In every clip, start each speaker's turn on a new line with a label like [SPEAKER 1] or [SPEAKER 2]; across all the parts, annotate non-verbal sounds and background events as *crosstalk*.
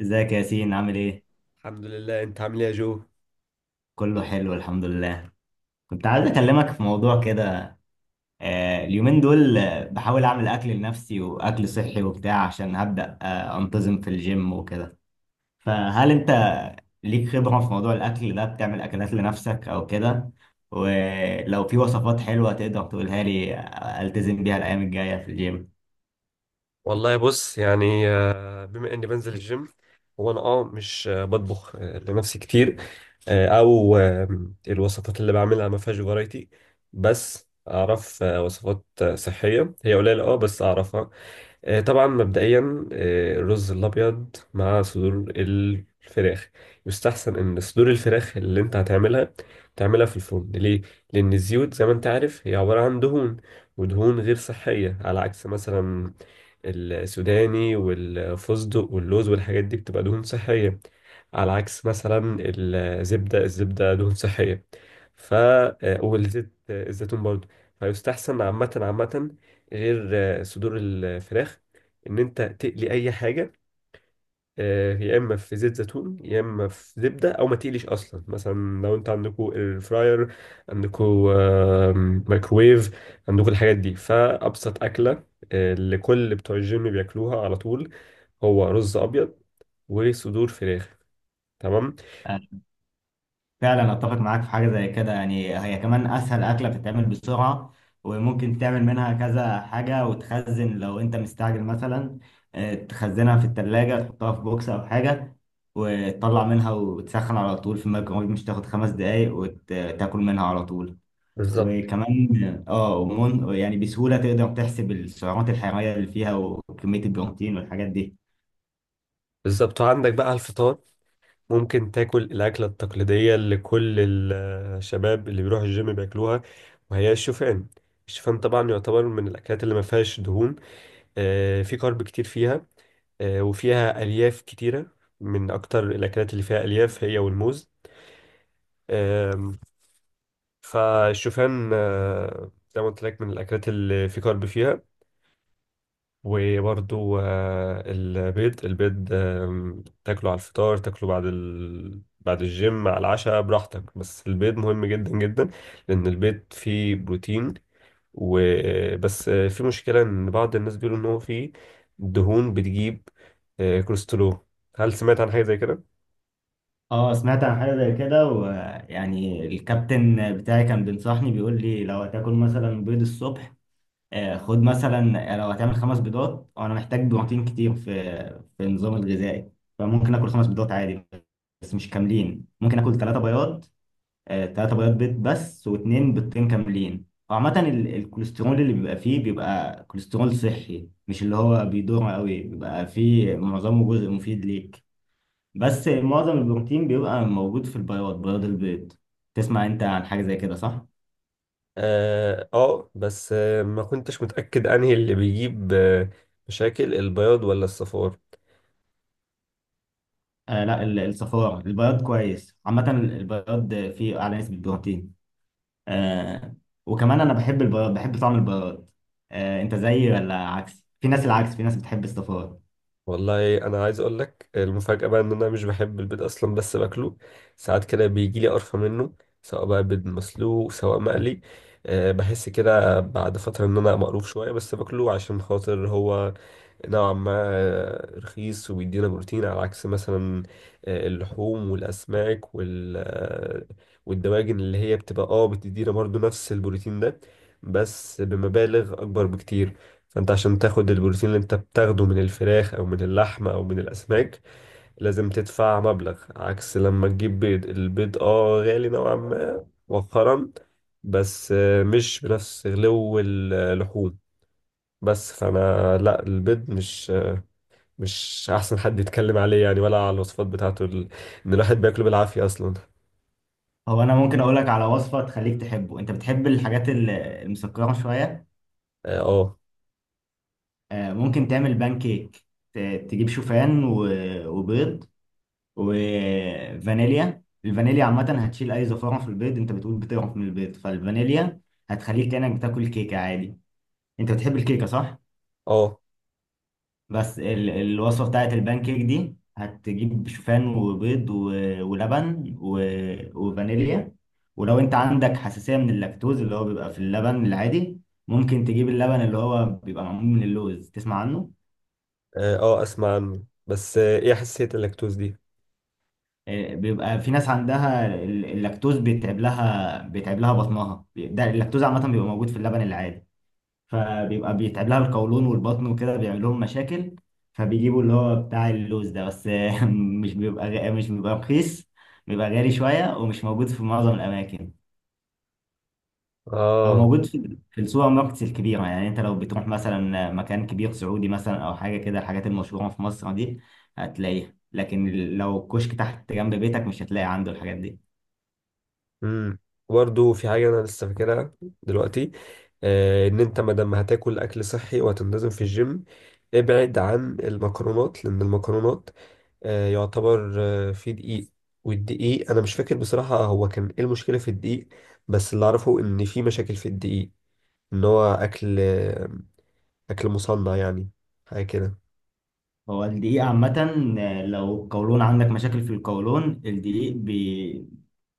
[SPEAKER 1] ازيك يا ياسين، عامل ايه؟
[SPEAKER 2] الحمد لله، انت عامل ايه يا جو؟
[SPEAKER 1] كله حلو، الحمد لله. كنت عايز اكلمك في موضوع كده. اليومين دول بحاول اعمل اكل لنفسي واكل صحي وبتاع عشان هبدأ انتظم في الجيم وكده. فهل انت ليك خبرة في موضوع الاكل ده؟ بتعمل اكلات لنفسك او كده؟ ولو في وصفات حلوة تقدر تقولها لي التزم بيها الايام الجاية في الجيم.
[SPEAKER 2] والله بص يعني، بما اني بنزل الجيم، هو انا مش بطبخ لنفسي كتير. او الوصفات اللي بعملها ما فيهاش فرايتي. بس اعرف وصفات صحية، هي قليلة بس اعرفها. طبعا مبدئيا، الرز الابيض مع صدور الفراخ. يستحسن ان صدور الفراخ اللي انت هتعملها، تعملها في الفرن، ليه؟ لان الزيوت زي ما انت عارف هي عباره عن دهون، ودهون غير صحيه، على عكس مثلا السوداني والفستق واللوز والحاجات دي بتبقى دهون صحيه. على عكس مثلا الزبده دهون صحيه. ف آه، والزيت الزيتون برضه. فيستحسن عامه عامه، غير صدور الفراخ، ان انت تقلي اي حاجه، يا اما في زيت زيتون يا اما في زبده، او ما تقليش اصلا مثلا. لو انت عندكوا الفراير، عندكوا آه، مايكرويف، عندكوا الحاجات دي، فابسط اكله اللي كل بتوع الجيم بياكلوها على طول، هو رز ابيض وصدور فراخ. تمام.
[SPEAKER 1] فعلا اتفق معاك في حاجه زي كده، يعني هي كمان اسهل اكله، بتتعمل بسرعه وممكن تعمل منها كذا حاجه وتخزن لو انت مستعجل مثلا. تخزنها في التلاجة، تحطها في بوكس او حاجه وتطلع منها وتسخن على طول في الميكرويف، مش تاخد خمس دقايق وتاكل منها على طول.
[SPEAKER 2] بالظبط.
[SPEAKER 1] وكمان ومن يعني بسهوله تقدر تحسب السعرات الحراريه اللي فيها وكميه البروتين والحاجات دي.
[SPEAKER 2] بالظبط، وعندك بقى الفطار. ممكن تاكل الأكلة التقليدية اللي كل الشباب اللي بيروحوا الجيم بياكلوها، وهي الشوفان. الشوفان طبعا يعتبر من الأكلات اللي ما فيهاش دهون. في كارب كتير فيها، وفيها ألياف كتيرة، من أكتر الأكلات اللي فيها ألياف هي والموز. آم، فالشوفان زي ما قلت لك من الأكلات اللي في كارب فيها. وبرضو البيض تاكله على الفطار، تاكله بعد بعد الجيم على العشاء براحتك، بس البيض مهم جدا جدا. لأن البيض فيه بروتين، وبس في مشكلة إن بعض الناس بيقولوا إن هو فيه دهون بتجيب كوليسترول. هل سمعت عن حاجة زي كده؟
[SPEAKER 1] اه، سمعت عن حاجة زي كده، ويعني الكابتن بتاعي كان بينصحني بيقول لي لو هتاكل مثلا بيض الصبح خد مثلا لو هتعمل خمس بيضات وانا محتاج بروتين كتير في النظام الغذائي، فممكن اكل خمس بيضات عادي، بس مش كاملين. ممكن اكل ثلاثة بياض ثلاثة بياض بيض بس، واثنين بيضتين كاملين. وعامة الكوليسترول اللي بيبقى فيه بيبقى كوليسترول صحي، مش اللي هو بيدور قوي، بيبقى فيه معظمه جزء مفيد ليك. بس معظم البروتين بيبقى موجود في البياض، بياض البيض. تسمع انت عن حاجة زي كده صح؟
[SPEAKER 2] اه، بس ما كنتش متأكد انهي اللي بيجيب مشاكل، البياض ولا الصفار.
[SPEAKER 1] آه لا، ال- الصفار البياض كويس. عامة البياض فيه أعلى نسبة بروتين. آه وكمان أنا بحب البياض، بحب طعم البياض. أنت زيي ولا عكس؟ في ناس العكس، في ناس بتحب الصفار.
[SPEAKER 2] والله انا عايز اقول لك المفاجاه بقى، ان انا مش بحب البيض اصلا بس باكله. ساعات كده بيجي لي قرفه منه، سواء بقى بيض مسلوق سواء مقلي. أه، بحس كده بعد فتره ان انا مقروف شويه، بس باكله عشان خاطر هو نوعا ما رخيص وبيدينا بروتين. على عكس مثلا اللحوم والأسماك والدواجن اللي هي بتبقى بتدينا برضو نفس البروتين ده، بس بمبالغ أكبر بكتير. فأنت عشان تاخد البروتين اللي أنت بتاخده من الفراخ أو من اللحم أو من الأسماك، لازم تدفع مبلغ، عكس لما تجيب بيض. البيض غالي نوعا ما مؤخرا، بس مش بنفس غلو اللحوم. بس فانا، لا، البيض مش احسن حد يتكلم عليه يعني، ولا على الوصفات بتاعته، ان الواحد بياكله بالعافية اصلا.
[SPEAKER 1] هو أنا ممكن أقول لك على وصفة تخليك تحبه. أنت بتحب الحاجات المسكرة شوية؟
[SPEAKER 2] اه، اه،
[SPEAKER 1] ممكن تعمل بان كيك. تجيب شوفان وبيض وفانيليا. الفانيليا عامة هتشيل أي زفارة في البيض، أنت بتقول بتقرف من البيض، فالفانيليا هتخليك كأنك بتاكل كيكة عادي. أنت بتحب الكيكة صح؟
[SPEAKER 2] اه،
[SPEAKER 1] بس الوصفة بتاعت البان كيك دي هتجيب شوفان وبيض ولبن وفانيليا. ولو أنت عندك حساسية من اللاكتوز، اللي هو بيبقى في اللبن العادي، ممكن تجيب اللبن اللي هو بيبقى معمول من اللوز. تسمع عنه؟
[SPEAKER 2] اه، اسمع عنه، بس ايه حساسية اللاكتوز دي؟
[SPEAKER 1] بيبقى في ناس عندها اللاكتوز بيتعب لها، بطنها. ده اللاكتوز عامة بيبقى موجود في اللبن العادي، فبيبقى بيتعب لها القولون والبطن وكده بيعمل لهم مشاكل. فبيجيبوا اللي هو بتاع اللوز ده، بس *laughs* مش بيبقى رخيص. بيبقى غالي شوية ومش موجود في معظم الأماكن. هو
[SPEAKER 2] اه.
[SPEAKER 1] موجود في السوبر ماركتس الكبيرة، يعني أنت لو بتروح مثلا مكان كبير سعودي مثلا أو حاجة كده، الحاجات المشهورة في مصر دي هتلاقيها. لكن لو الكشك تحت جنب بيتك مش هتلاقي عنده الحاجات دي.
[SPEAKER 2] امم برضه في حاجة انا لسه فاكرها دلوقتي. آه، ان انت ما دام هتاكل اكل صحي وهتنتظم في الجيم، ابعد عن المكرونات، لان المكرونات يعتبر فيه دقيق. والدقيق، انا مش فاكر بصراحة هو كان ايه المشكلة في الدقيق، بس اللي اعرفه ان في مشاكل في الدقيق اللي هو أكل، أكل مصنع يعني، حاجة كده.
[SPEAKER 1] هو الدقيق عامة لو القولون عندك مشاكل في القولون، الدقيق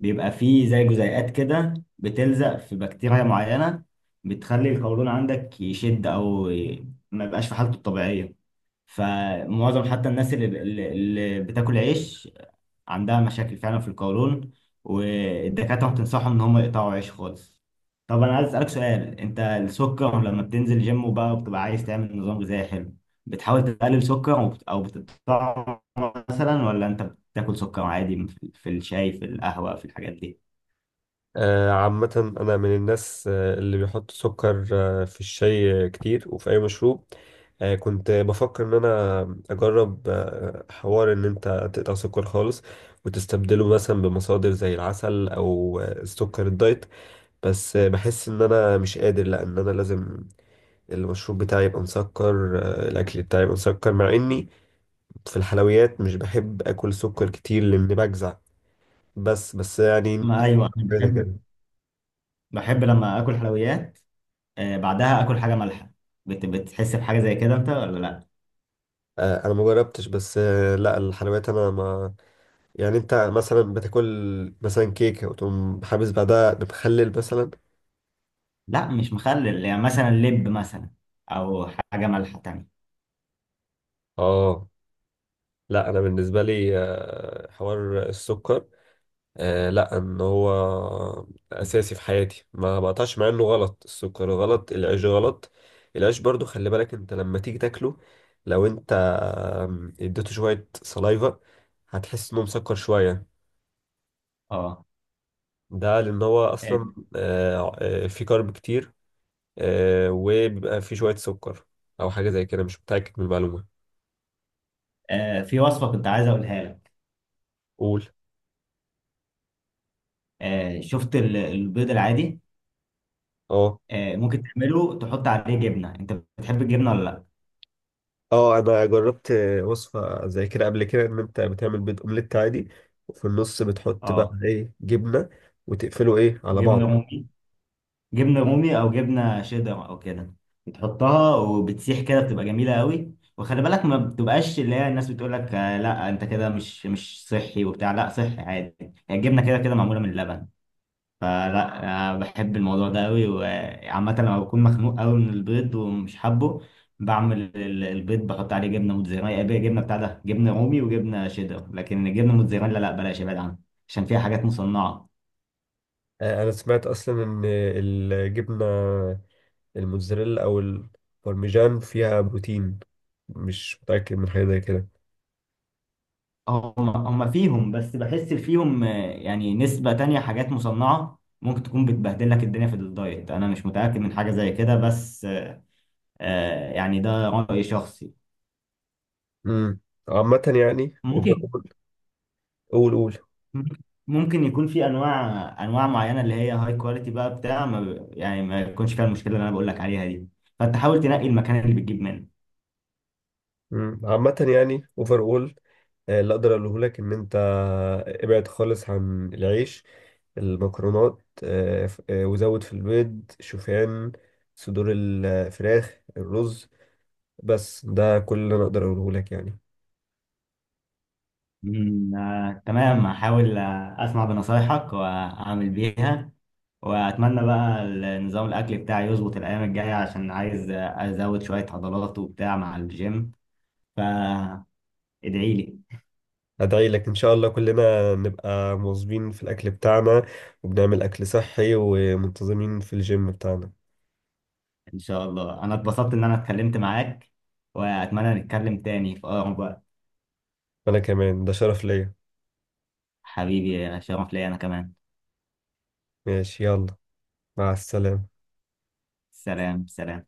[SPEAKER 1] بيبقى فيه زي جزيئات كده بتلزق في بكتيريا معينة بتخلي القولون عندك يشد أو ما يبقاش في حالته الطبيعية. فمعظم حتى الناس اللي بتاكل عيش عندها مشاكل فعلا في القولون، والدكاترة بتنصحهم إن هم يقطعوا عيش خالص. طب أنا عايز أسألك سؤال. أنت السكر لما بتنزل جيم وبقى وبتبقى عايز تعمل نظام غذائي حلو، بتحاول تقلل سكر أو بتقطعه مثلا، ولا أنت بتاكل سكر عادي في الشاي في القهوة في الحاجات دي؟
[SPEAKER 2] عامة أنا من الناس اللي بيحط سكر في الشاي كتير، وفي أي مشروب. كنت بفكر إن أنا أجرب حوار إن أنت تقطع سكر خالص، وتستبدله مثلا بمصادر زي العسل أو السكر الدايت. بس بحس إن أنا مش قادر، لأ، إن أنا لازم المشروب بتاعي يبقى مسكر، الأكل بتاعي يبقى مسكر، مع إني في الحلويات مش بحب اكل سكر كتير لان بجزع. بس يعني
[SPEAKER 1] ما أيوه، أنا
[SPEAKER 2] كده
[SPEAKER 1] بحب.
[SPEAKER 2] كده.
[SPEAKER 1] بحب لما آكل حلويات بعدها آكل حاجة مالحة. بتحس بحاجة زي كده أنت ولا لأ؟
[SPEAKER 2] انا ما جربتش، بس لا الحلويات انا ما، يعني انت مثلا بتاكل مثلا كيكه وتقوم حابس بعدها بمخلل مثلا؟
[SPEAKER 1] لأ، مش مخلل، يعني مثلا لب مثلا، أو حاجة مالحة تانية.
[SPEAKER 2] اه، لا، انا بالنسبه لي حوار السكر لا، ان هو اساسي في حياتي، ما بقطعش، مع انه غلط، السكر غلط العيش غلط. العيش برضو، خلي بالك انت لما تيجي تاكله لو انت اديته شويه سلايفا، هتحس انه مسكر شويه.
[SPEAKER 1] اه،
[SPEAKER 2] ده لأن هو
[SPEAKER 1] آه،
[SPEAKER 2] أصلا فيه كارب كتير، وبيبقى فيه شوية سكر، أو حاجة زي كده، مش متأكد من المعلومة.
[SPEAKER 1] في وصفة كنت عايز أقولها لك.
[SPEAKER 2] قول.
[SPEAKER 1] شفت البيض العادي؟
[SPEAKER 2] اه،
[SPEAKER 1] ممكن تعمله تحط عليه جبنة. أنت بتحب الجبنة ولا لأ؟
[SPEAKER 2] اه، انا جربت وصفة زي كده قبل كده، ان انت بتعمل بيض اومليت عادي وفي النص بتحط بقى
[SPEAKER 1] أه،
[SPEAKER 2] ايه، جبنة، وتقفله ايه على
[SPEAKER 1] جبنة
[SPEAKER 2] بعض.
[SPEAKER 1] رومي. جبنة رومي أو جبنة شيدر أو كده، بتحطها وبتسيح كده، بتبقى جميلة قوي. وخلي بالك، ما بتبقاش اللي هي الناس بتقول لك لا أنت كده مش، صحي وبتاع، لا صحي عادي. هي الجبنة كده كده معمولة من اللبن، فلا، أنا بحب الموضوع ده قوي. وعامة لما بكون مخنوق قوي من البيض ومش حابه، بعمل البيض بحط عليه جبنة موتزاريلا. بقى جبنة بتاع ده جبنة رومي وجبنة شيدر، لكن الجبنة موتزاريلا لا، بلاش ابعد عنها عشان فيها حاجات مصنعة.
[SPEAKER 2] انا سمعت اصلا ان الجبنة الموتزاريلا او البارميجان فيها بروتين، مش متأكد من حاجة زي كده.
[SPEAKER 1] هم فيهم، بس بحس فيهم يعني نسبة تانية حاجات مصنعة ممكن تكون بتبهدل لك الدنيا في الدايت. انا مش متأكد من حاجة زي كده، بس يعني ده رأي شخصي.
[SPEAKER 2] امم عامة يعني
[SPEAKER 1] ممكن،
[SPEAKER 2] قول، قول.
[SPEAKER 1] ممكن يكون في انواع، انواع معينه اللي هي هاي كواليتي بقى، بتاع ما ب- يعني ما يكونش فيها المشكله اللي انا بقول لك عليها دي. فانت حاول تنقي المكان اللي بتجيب منه.
[SPEAKER 2] مم. عامة يعني اوفر اول اللي اقدر اقوله لك ان انت ابعد خالص عن العيش، المكرونات، وزود في البيض، شوفان، صدور الفراخ، الرز، بس ده كل اللي انا اقدر اقوله لك يعني.
[SPEAKER 1] تمام. هحاول اسمع بنصايحك واعمل بيها، واتمنى بقى نظام الاكل بتاعي يظبط الايام الجايه عشان عايز ازود شويه عضلات وبتاع مع الجيم. فادعي لي.
[SPEAKER 2] ادعي لك ان شاء الله كلنا نبقى مواظبين في الاكل بتاعنا، وبنعمل اكل صحي، ومنتظمين في الجيم بتاعنا.
[SPEAKER 1] ان شاء الله، انا اتبسطت ان انا اتكلمت معاك، واتمنى نتكلم تاني في اقرب وقت.
[SPEAKER 2] انا كمان، ده شرف ليا.
[SPEAKER 1] حبيبي، يا شرف ليا انا كمان.
[SPEAKER 2] ماشي، يلا، مع السلامة.
[SPEAKER 1] سلام، سلام.